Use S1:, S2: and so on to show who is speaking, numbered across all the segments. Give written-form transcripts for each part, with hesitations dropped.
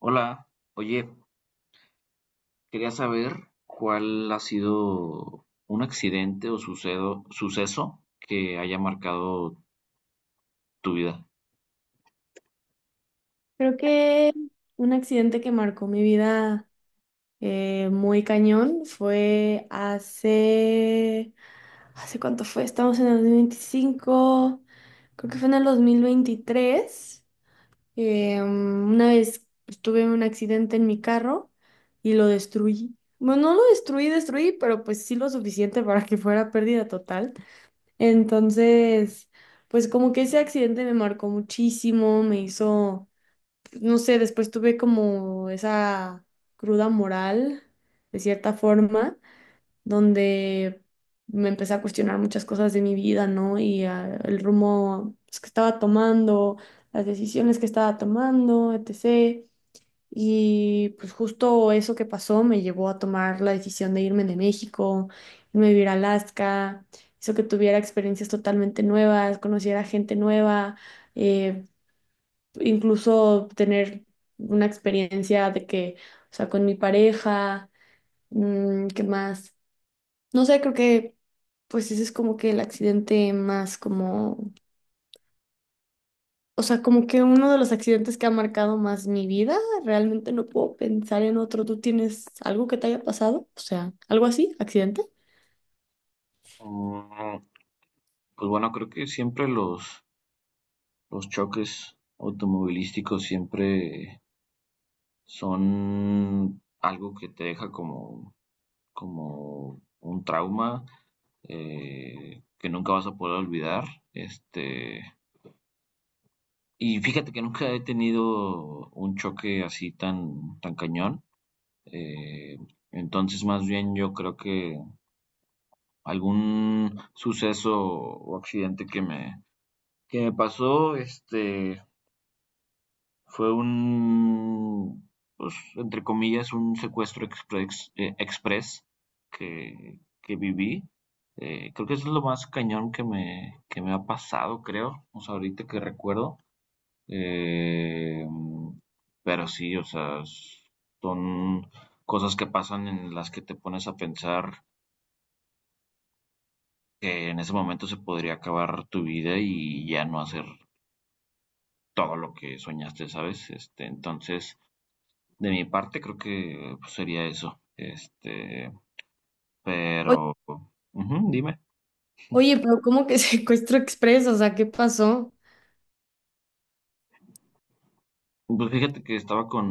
S1: Hola, oye, quería saber cuál ha sido un accidente o suceso que haya marcado tu vida.
S2: Creo que un accidente que marcó mi vida muy cañón fue hace... ¿Hace cuánto fue? Estamos en el 2025, creo que fue en el 2023. Una vez, pues, tuve un accidente en mi carro y lo destruí. Bueno, no lo destruí, destruí, pero pues sí lo suficiente para que fuera pérdida total. Entonces, pues como que ese accidente me marcó muchísimo, me hizo, no sé, después tuve como esa cruda moral, de cierta forma, donde me empecé a cuestionar muchas cosas de mi vida, ¿no? Y el rumbo, pues, que estaba tomando, las decisiones que estaba tomando, etc. Y pues justo eso que pasó me llevó a tomar la decisión de irme de México, irme a vivir a Alaska, hizo que tuviera experiencias totalmente nuevas, conociera gente nueva, eh, incluso tener una experiencia de que, o sea, con mi pareja, ¿qué más? No sé, creo que pues ese es como que el accidente más como, o sea, como que uno de los accidentes que ha marcado más mi vida, realmente no puedo pensar en otro. ¿Tú tienes algo que te haya pasado? O sea, algo así, accidente.
S1: Mm, Pues bueno, creo que siempre los choques automovilísticos siempre son algo que te deja, como un trauma, que nunca vas a poder olvidar. Este, y fíjate que nunca he tenido un choque así tan, cañón. Eh, entonces, más bien yo creo que algún suceso o accidente que me pasó, este, fue un, pues, entre comillas, un secuestro express, que viví. Creo que eso es lo más cañón que me ha pasado, creo. O sea, ahorita que recuerdo. Eh, pero sí, o sea, son cosas que pasan en las que te pones a pensar que en ese momento se podría acabar tu vida y ya no hacer todo lo que soñaste, ¿sabes? Este, entonces, de mi parte creo que pues sería eso. Este,
S2: Oye,
S1: pero... Ujú, dime.
S2: oye, pero ¿cómo que secuestro expreso? O sea, ¿qué pasó?
S1: Pues fíjate que estaba con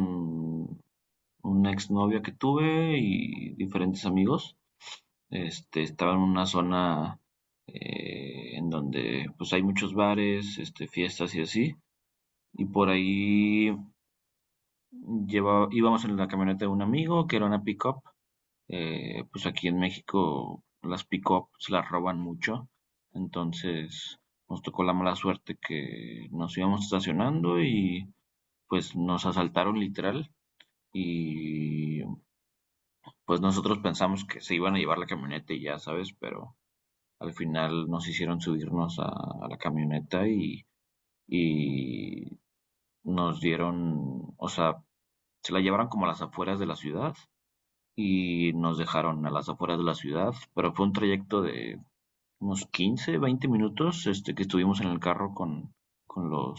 S1: una exnovia que tuve y diferentes amigos. Este, estaba en una zona, en donde pues hay muchos bares, este, fiestas y así. Y por ahí íbamos en la camioneta de un amigo que era una pick-up. Pues aquí en México las pick-up se las roban mucho, entonces nos tocó la mala suerte que nos íbamos estacionando y pues nos asaltaron literal, y pues nosotros pensamos que se iban a llevar la camioneta y ya sabes, pero al final nos hicieron subirnos a la camioneta, y nos dieron, o sea, se la llevaron como a las afueras de la ciudad y nos dejaron a las afueras de la ciudad, pero fue un trayecto de unos 15 20 minutos, este, que estuvimos en el carro con los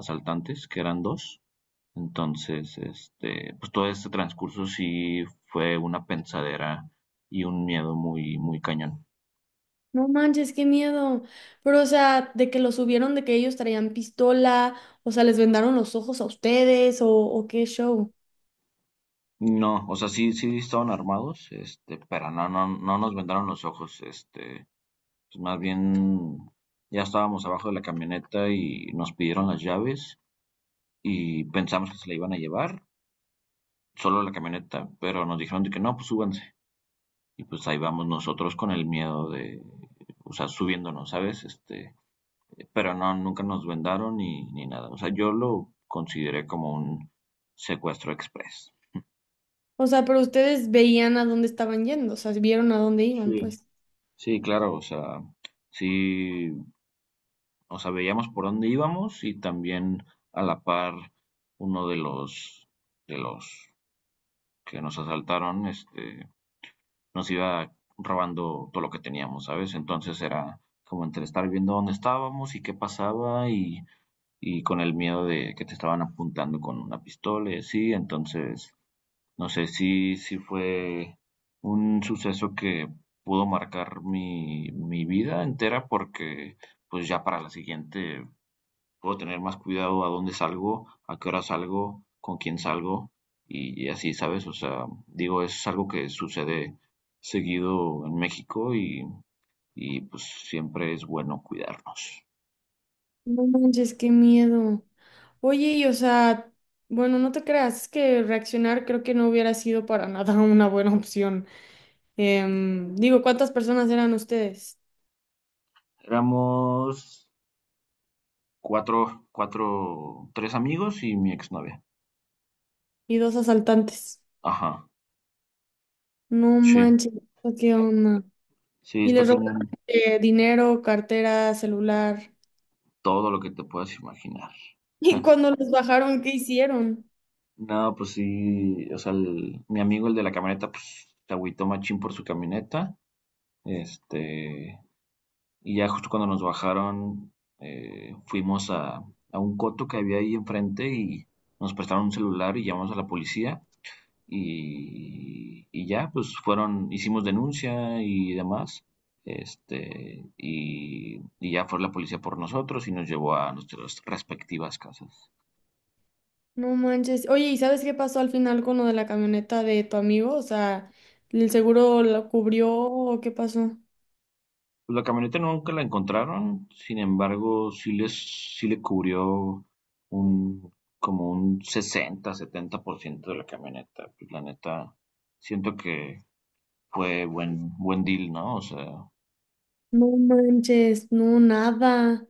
S1: asaltantes, que eran dos. Entonces, este, pues todo este transcurso sí fue una pensadera y un miedo muy, cañón.
S2: No manches, qué miedo. Pero, o sea, de que lo subieron, de que ellos traían pistola, o sea, les vendaron los ojos a ustedes, o qué show.
S1: No, o sea, sí, estaban armados, este, pero no, no, no nos vendaron los ojos, este, pues más bien ya estábamos abajo de la camioneta y nos pidieron las llaves y pensamos que se la iban a llevar, solo la camioneta, pero nos dijeron de que no, pues súbanse. Y pues ahí vamos nosotros con el miedo de, o sea, subiéndonos, ¿sabes? Este, pero no, nunca nos vendaron ni nada. O sea, yo lo consideré como un secuestro express.
S2: O sea, pero ustedes veían a dónde estaban yendo, o sea, vieron a dónde iban,
S1: Sí.
S2: pues.
S1: Sí, claro, o sea, sí, o sea, veíamos por dónde íbamos y también a la par uno de los, de los que nos asaltaron, este, nos iba robando todo lo que teníamos, ¿sabes? Entonces era como entre estar viendo dónde estábamos y qué pasaba, y con el miedo de que te estaban apuntando con una pistola y así. Entonces, no sé, si sí, fue un suceso que pudo marcar mi, vida entera, porque pues ya para la siguiente puedo tener más cuidado a dónde salgo, a qué hora salgo, con quién salgo y, así, ¿sabes? O sea, digo, es algo que sucede seguido en México y, pues siempre es bueno cuidarnos.
S2: No manches, qué miedo. Oye, y o sea, bueno, no te creas, es que reaccionar creo que no hubiera sido para nada una buena opción. Digo, ¿cuántas personas eran ustedes?
S1: Éramos cuatro, tres amigos y mi exnovia.
S2: Y dos asaltantes.
S1: Ajá,
S2: No
S1: sí.
S2: manches, ¿qué onda?
S1: Sí,
S2: Y
S1: está
S2: les robaron
S1: cañón
S2: dinero, cartera, celular.
S1: todo lo que te puedas imaginar.
S2: Y cuando los bajaron, ¿qué hicieron?
S1: No, pues sí, o sea, mi amigo, el de la camioneta, pues se agüitó machín por su camioneta. Este, y ya justo cuando nos bajaron, fuimos a, un coto que había ahí enfrente y nos prestaron un celular y llamamos a la policía. Y, ya, pues fueron, hicimos denuncia y demás. Este, y, ya fue la policía por nosotros y nos llevó a nuestras respectivas casas.
S2: No manches. Oye, ¿y sabes qué pasó al final con lo de la camioneta de tu amigo? O sea, ¿el seguro lo cubrió o qué pasó?
S1: Pues la camioneta nunca la encontraron, sin embargo, sí le cubrió un, como un 60 70% de la camioneta. Pues la neta, siento que fue buen, deal, ¿no? O sea,
S2: No manches, no, nada.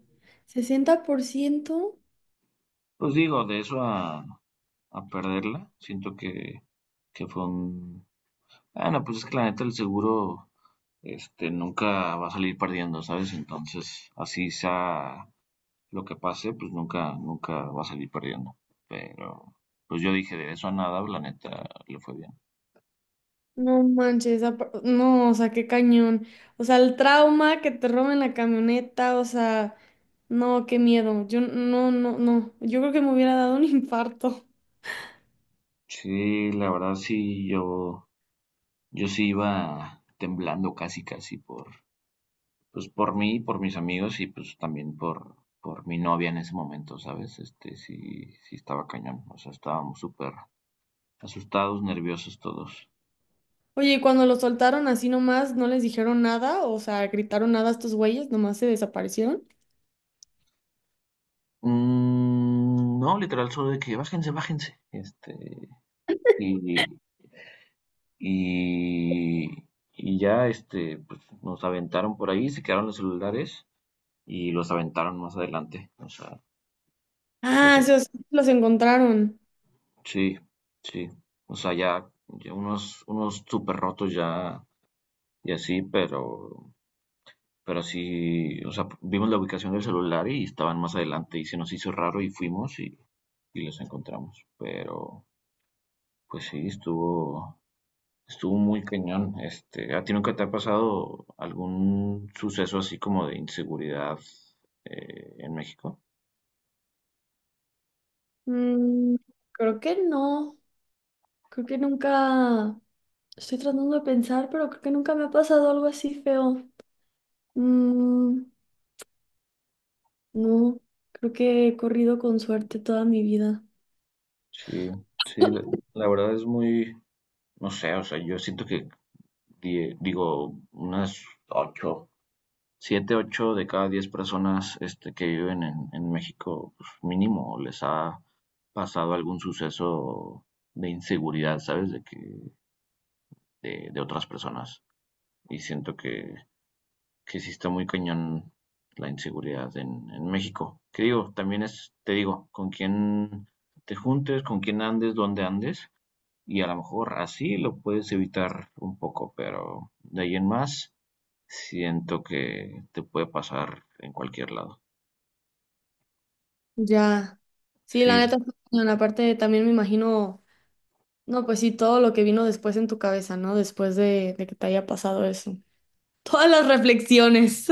S2: 60%.
S1: pues digo, de eso a, perderla, siento que fue un. Ah, no, pues es que la neta el seguro, este, nunca va a salir perdiendo, ¿sabes? Entonces, así sea lo que pase, pues nunca, va a salir perdiendo. Pero, pues yo dije, de eso a nada, la neta, le fue bien.
S2: No manches, no, o sea, qué cañón. O sea, el trauma que te roben la camioneta, o sea, no, qué miedo. Yo no, no, no. Yo creo que me hubiera dado un infarto.
S1: Sí, la verdad sí, yo, sí iba temblando casi, casi por, pues por mí, por mis amigos y pues también por, mi novia en ese momento, ¿sabes? Este, sí, estaba cañón, o sea, estábamos súper asustados, nerviosos todos.
S2: Oye, ¿y cuando los soltaron así nomás, no les dijeron nada? O sea, gritaron nada a estos güeyes, nomás se desaparecieron.
S1: No, literal, solo de que bájense, bájense. Este, y, y, y ya, este, pues, nos aventaron por ahí, se quedaron los celulares y los aventaron más adelante. O sea, los,
S2: Ah, sí, o sea, los encontraron.
S1: sí, sí. O sea, ya, ya unos súper rotos ya y así, pero, sí, o sea, vimos la ubicación del celular y estaban más adelante y se nos hizo raro y fuimos y, los encontramos. Pero, pues sí, estuvo muy cañón. Este, ¿a ti nunca te ha pasado algún suceso así como de inseguridad, en México?
S2: Mm, creo que no. Creo que nunca. Estoy tratando de pensar, pero creo que nunca me ha pasado algo así feo. Mm, no, creo que he corrido con suerte toda mi vida.
S1: Sí, sí, la, verdad es muy, no sé, o sea, yo siento que, digo, unas ocho, siete, ocho de cada 10 personas, este, que viven en, México, pues mínimo les ha pasado algún suceso de inseguridad, ¿sabes? De que, de otras personas. Y siento que sí está muy cañón la inseguridad en, México. Que digo, también es, te digo, con quién te juntes, con quién andes, dónde andes, y a lo mejor así lo puedes evitar un poco, pero de ahí en más siento que te puede pasar en cualquier lado.
S2: Ya. Sí, la
S1: Sí,
S2: neta, está cañón. Aparte también me imagino, no, pues sí, todo lo que vino después en tu cabeza, ¿no? Después de que te haya pasado eso. Todas las reflexiones.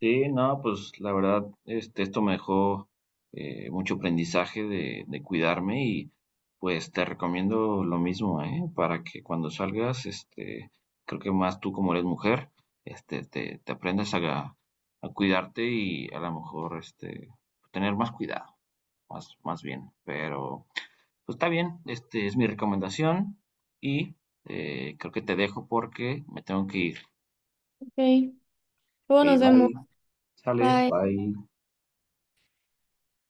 S1: sí, no, pues la verdad, este, esto me dejó, mucho aprendizaje de, cuidarme y pues te recomiendo lo mismo, ¿eh? Para que cuando salgas, este, creo que más tú como eres mujer, este, te, aprendas a, cuidarte y a lo mejor, este, tener más cuidado, más, bien. Pero pues está bien, este es mi recomendación y creo que te dejo porque me tengo que ir.
S2: Ok,
S1: Ok,
S2: luego nos vemos.
S1: bye, sale,
S2: Bye.
S1: bye.